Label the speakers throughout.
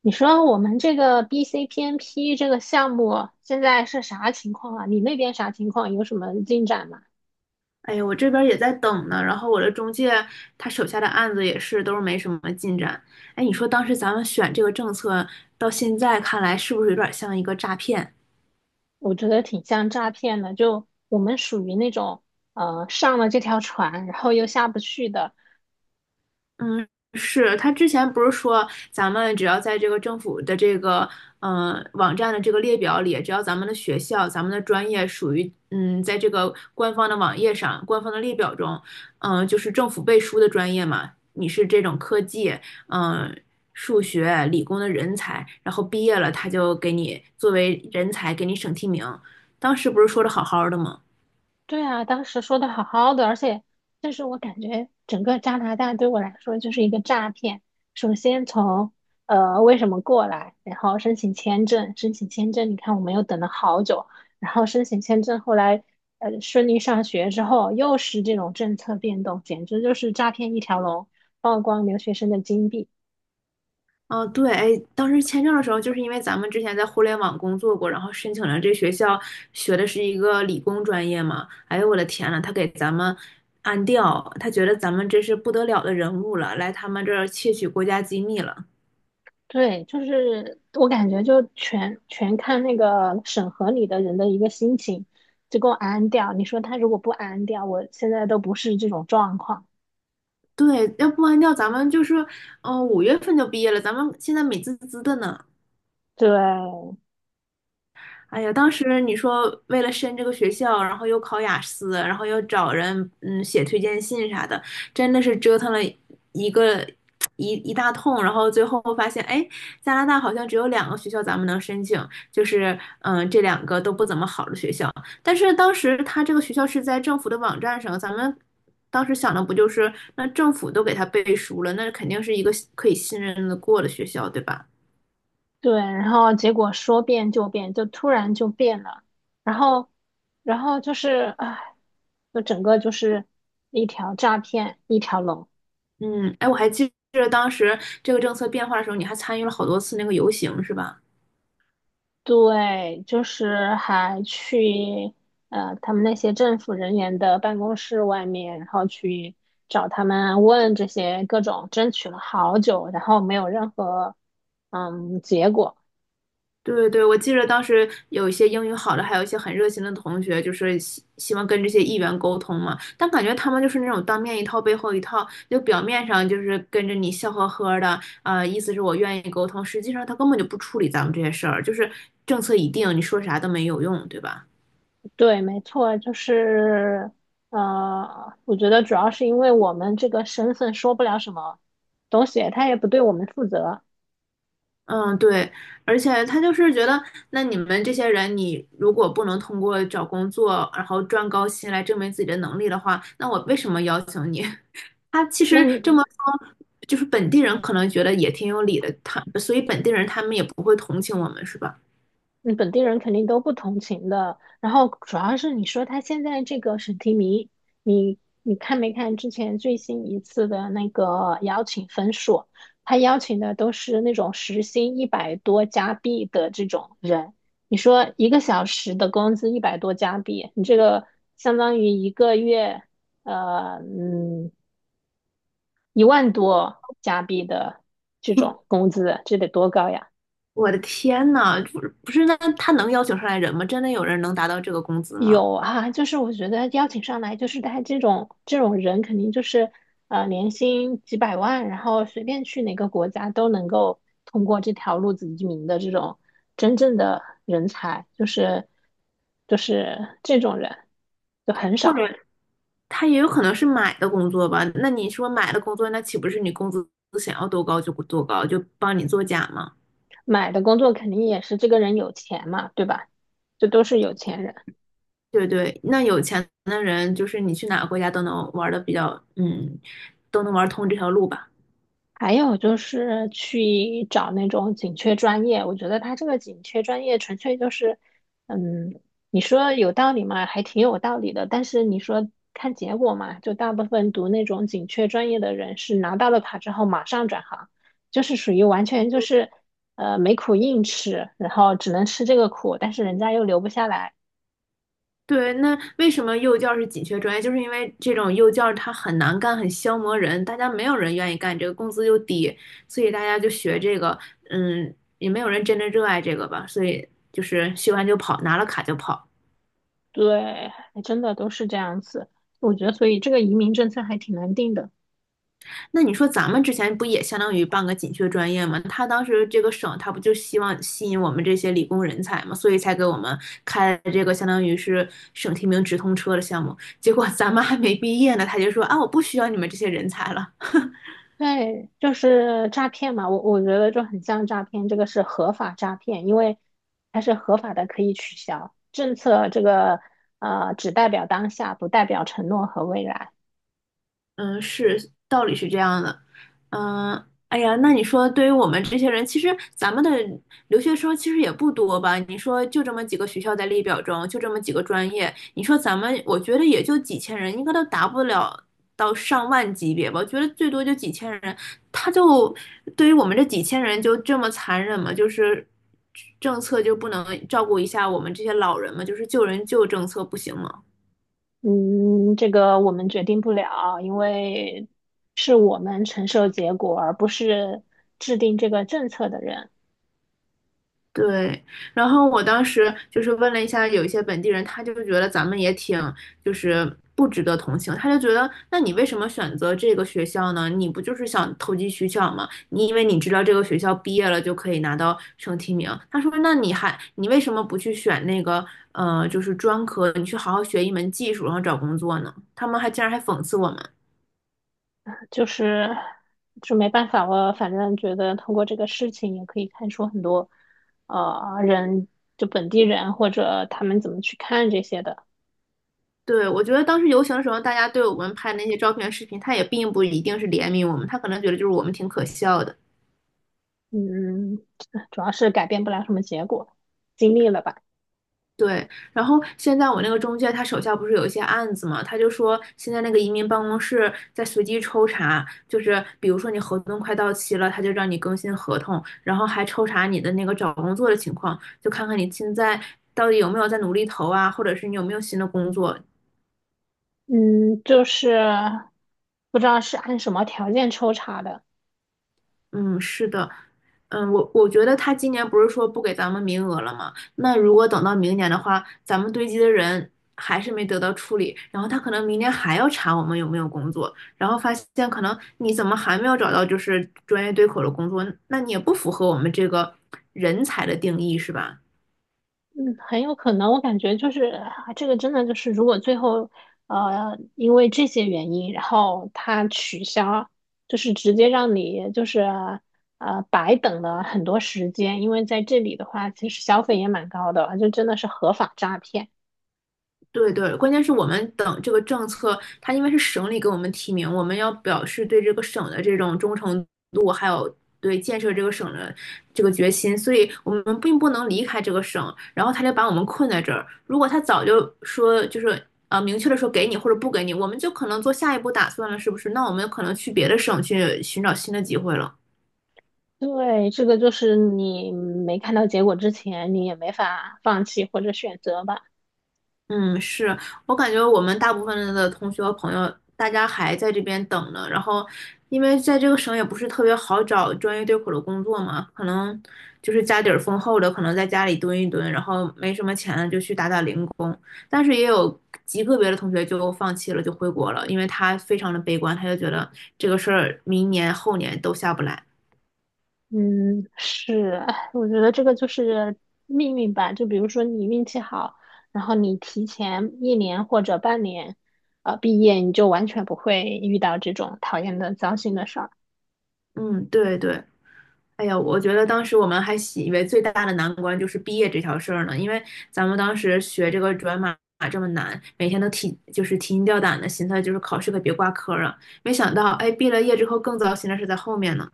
Speaker 1: 你说我们这个 BCPNP 这个项目现在是啥情况啊？你那边啥情况？有什么进展吗？
Speaker 2: 哎呀，我这边儿也在等呢，然后我的中介他手下的案子也是都是没什么进展。哎，你说当时咱们选这个政策，到现在看来是不是有点儿像一个诈骗？
Speaker 1: 我觉得挺像诈骗的，就我们属于那种上了这条船，然后又下不去的。
Speaker 2: 嗯，是他之前不是说咱们只要在这个政府的这个网站的这个列表里，只要咱们的学校、咱们的专业属于在这个官方的网页上、官方的列表中，就是政府背书的专业嘛，你是这种科技，嗯、数学、理工的人才，然后毕业了他就给你作为人才给你省提名，当时不是说的好好的吗？
Speaker 1: 对啊，当时说的好好的，但是我感觉整个加拿大对我来说就是一个诈骗。首先从为什么过来，然后申请签证，你看我们又等了好久，然后申请签证，后来呃顺利上学之后，又是这种政策变动，简直就是诈骗一条龙，曝光留学生的金币。
Speaker 2: 嗯，对，哎，当时签证的时候，就是因为咱们之前在互联网工作过，然后申请了这学校，学的是一个理工专业嘛。哎呦，我的天呐，他给咱们安调，他觉得咱们这是不得了的人物了，来他们这儿窃取国家机密了。
Speaker 1: 对，就是我感觉就全看那个审核你的人的一个心情，就给我安掉。你说他如果不安掉，我现在都不是这种状况。
Speaker 2: 对，要不安调，咱们就是，五月份就毕业了，咱们现在美滋滋的呢。
Speaker 1: 对
Speaker 2: 哎呀，当时你说为了申这个学校，然后又考雅思，然后又找人写推荐信啥的，真的是折腾了一个一一大通，然后最后发现，哎，加拿大好像只有两个学校咱们能申请，就是这两个都不怎么好的学校，但是当时他这个学校是在政府的网站上，咱们当时想的不就是那政府都给他背书了，那肯定是一个可以信任的过的学校，对吧？
Speaker 1: 对，然后结果说变就变，就突然就变了，然后然后就是唉，就整个就是一条诈骗一条龙。
Speaker 2: 嗯，哎，我还记着当时这个政策变化的时候，你还参与了好多次那个游行，是吧？
Speaker 1: 对，就是还去他们那些政府人员的办公室外面，然后去找他们问这些各种，争取了好久，然后没有任何结果。
Speaker 2: 对对，我记着当时有一些英语好的，还有一些很热心的同学，就是希望跟这些议员沟通嘛。但感觉他们就是那种当面一套，背后一套，就表面上就是跟着你笑呵呵的，啊、意思是我愿意沟通，实际上他根本就不处理咱们这些事儿，就是政策已定，你说啥都没有用，对吧？
Speaker 1: 对，没错，我觉得主要是因为我们这个身份说不了什么东西，他也不对我们负责。
Speaker 2: 嗯，对，而且他就是觉得，那你们这些人，你如果不能通过找工作，然后赚高薪来证明自己的能力的话，那我为什么邀请你？他其
Speaker 1: 那
Speaker 2: 实这么说，就是本地人可能觉得也挺有理的，他，所以本地人他们也不会同情我们，是吧？
Speaker 1: 嗯，本地人肯定都不同情的。然后主要是你说他现在这个审提名，你看没看之前最新一次的那个邀请分数？他邀请的都是那种时薪一百多加币的这种人。你说一个小时的工资一百多加币，你这个相当于一个月，呃，嗯，一万多加币的这种工资，这得多高呀！
Speaker 2: 我的天呐，不是不是，那他能邀请上来人吗？真的有人能达到这个工资吗？
Speaker 1: 有啊，就是我觉得邀请上来，就是他这种人，肯定就是年薪几百万，然后随便去哪个国家都能够通过这条路子移民的这种真正的人才，就是这种人就很
Speaker 2: 或者
Speaker 1: 少。
Speaker 2: 他也有可能是买的工作吧？那你说买的工作，那岂不是你工资想要多高就多高，就帮你作假吗？
Speaker 1: 买的工作肯定也是这个人有钱嘛，对吧？这都是有钱人。
Speaker 2: 对对，那有钱的人就是你去哪个国家都能玩的比较，都能玩通这条路吧。
Speaker 1: 还有就是去找那种紧缺专业，我觉得他这个紧缺专业纯粹就是，嗯，你说有道理嘛，还挺有道理的。但是你说看结果嘛，就大部分读那种紧缺专业的人是拿到了卡之后马上转行，就是属于完全就是，没苦硬吃，然后只能吃这个苦，但是人家又留不下来。
Speaker 2: 对，那为什么幼教是紧缺专业？就是因为这种幼教它很难干，很消磨人，大家没有人愿意干这个，工资又低，所以大家就学这个，嗯，也没有人真的热爱这个吧，所以就是学完就跑，拿了卡就跑。
Speaker 1: 对，还真的都是这样子。我觉得所以这个移民政策还挺难定的。
Speaker 2: 那你说咱们之前不也相当于办个紧缺专业吗？他当时这个省他不就希望吸引我们这些理工人才吗？所以才给我们开了这个相当于是省提名直通车的项目。结果咱们还没毕业呢，他就说啊，我不需要你们这些人才了。
Speaker 1: 对，就是诈骗嘛，我觉得就很像诈骗，这个是合法诈骗，因为它是合法的，可以取消。政策这个只代表当下，不代表承诺和未来。
Speaker 2: 嗯，是，道理是这样的。嗯，哎呀，那你说，对于我们这些人，其实咱们的留学生其实也不多吧？你说就这么几个学校在列表中，就这么几个专业，你说咱们，我觉得也就几千人，应该都达不了到上万级别吧？我觉得最多就几千人，他就对于我们这几千人就这么残忍吗？就是政策就不能照顾一下我们这些老人吗？就是救人救政策不行吗？
Speaker 1: 嗯，这个我们决定不了，因为是我们承受结果，而不是制定这个政策的人。
Speaker 2: 对，然后我当时就是问了一下有一些本地人，他就觉得咱们也挺就是不值得同情，他就觉得那你为什么选择这个学校呢？你不就是想投机取巧吗？你以为你知道这个学校毕业了就可以拿到省提名？他说那你还你为什么不去选那个就是专科，你去好好学一门技术，然后找工作呢？他们竟然还讽刺我们。
Speaker 1: 就是就没办法，我反正觉得通过这个事情也可以看出很多，人就本地人或者他们怎么去看这些的。
Speaker 2: 对，我觉得当时游行的时候，大家对我们拍那些照片、视频，他也并不一定是怜悯我们，他可能觉得就是我们挺可笑的。
Speaker 1: 嗯，主要是改变不了什么结果，经历了吧。
Speaker 2: 对，然后现在我那个中介他手下不是有一些案子嘛，他就说现在那个移民办公室在随机抽查，就是比如说你合同快到期了，他就让你更新合同，然后还抽查你的那个找工作的情况，就看看你现在到底有没有在努力投啊，或者是你有没有新的工作，
Speaker 1: 嗯，就是不知道是按什么条件抽查的。
Speaker 2: 嗯，是的，嗯，我觉得他今年不是说不给咱们名额了吗？那如果等到明年的话，咱们堆积的人还是没得到处理，然后他可能明年还要查我们有没有工作，然后发现可能你怎么还没有找到就是专业对口的工作，那你也不符合我们这个人才的定义，是吧？
Speaker 1: 嗯，很有可能，我感觉就是啊这个真的就是，如果最后因为这些原因，然后他取消，就是直接让你白等了很多时间，因为在这里的话，其实消费也蛮高的，就真的是合法诈骗。
Speaker 2: 对对，关键是我们等这个政策，它因为是省里给我们提名，我们要表示对这个省的这种忠诚度，还有对建设这个省的这个决心，所以我们并不能离开这个省，然后他就把我们困在这儿。如果他早就说就是明确的说给你或者不给你，我们就可能做下一步打算了，是不是？那我们可能去别的省去寻找新的机会了。
Speaker 1: 对，这个就是你没看到结果之前，你也没法放弃或者选择吧。
Speaker 2: 嗯，是我感觉我们大部分的同学和朋友，大家还在这边等呢。然后，因为在这个省也不是特别好找专业对口的工作嘛，可能就是家底儿丰厚的，可能在家里蹲一蹲，然后没什么钱了就去打打零工。但是也有极个别的同学就放弃了，就回国了，因为他非常的悲观，他就觉得这个事儿明年后年都下不来。
Speaker 1: 嗯，是，哎我觉得这个就是命运吧。就比如说你运气好，然后你提前一年或者半年，毕业，你就完全不会遇到这种讨厌的糟心的事儿。
Speaker 2: 嗯，对对。哎呀，我觉得当时我们还习以为最大的难关就是毕业这条事儿呢，因为咱们当时学这个转码这么难，每天都提就是提心吊胆的，寻思就是考试可别挂科儿啊。没想到，哎，毕了业之后更糟心的是在后面呢。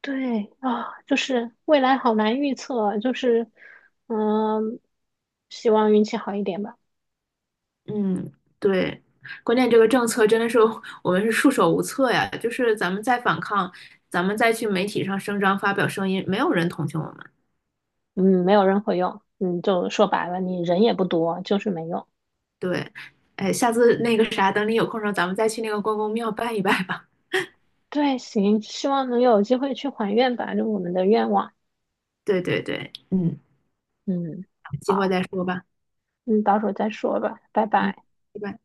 Speaker 1: 对啊，就是未来好难预测，就是嗯，希望运气好一点吧。
Speaker 2: 嗯，对，关键这个政策真的是我们是束手无策呀，就是咱们再反抗，咱们再去媒体上声张发表声音，没有人同情我们。
Speaker 1: 嗯，没有任何用。嗯，就说白了，你人也不多，就是没用。
Speaker 2: 对，哎，下次那个啥，等你有空的时候，咱们再去那个关公庙拜一拜吧。
Speaker 1: 对，行，希望能有机会去还愿吧，就我们的愿望。
Speaker 2: 对对对，嗯。
Speaker 1: 嗯。
Speaker 2: 计划
Speaker 1: 好。
Speaker 2: 再说吧。
Speaker 1: 嗯，到时候再说吧，拜
Speaker 2: 嗯，
Speaker 1: 拜。
Speaker 2: 拜拜。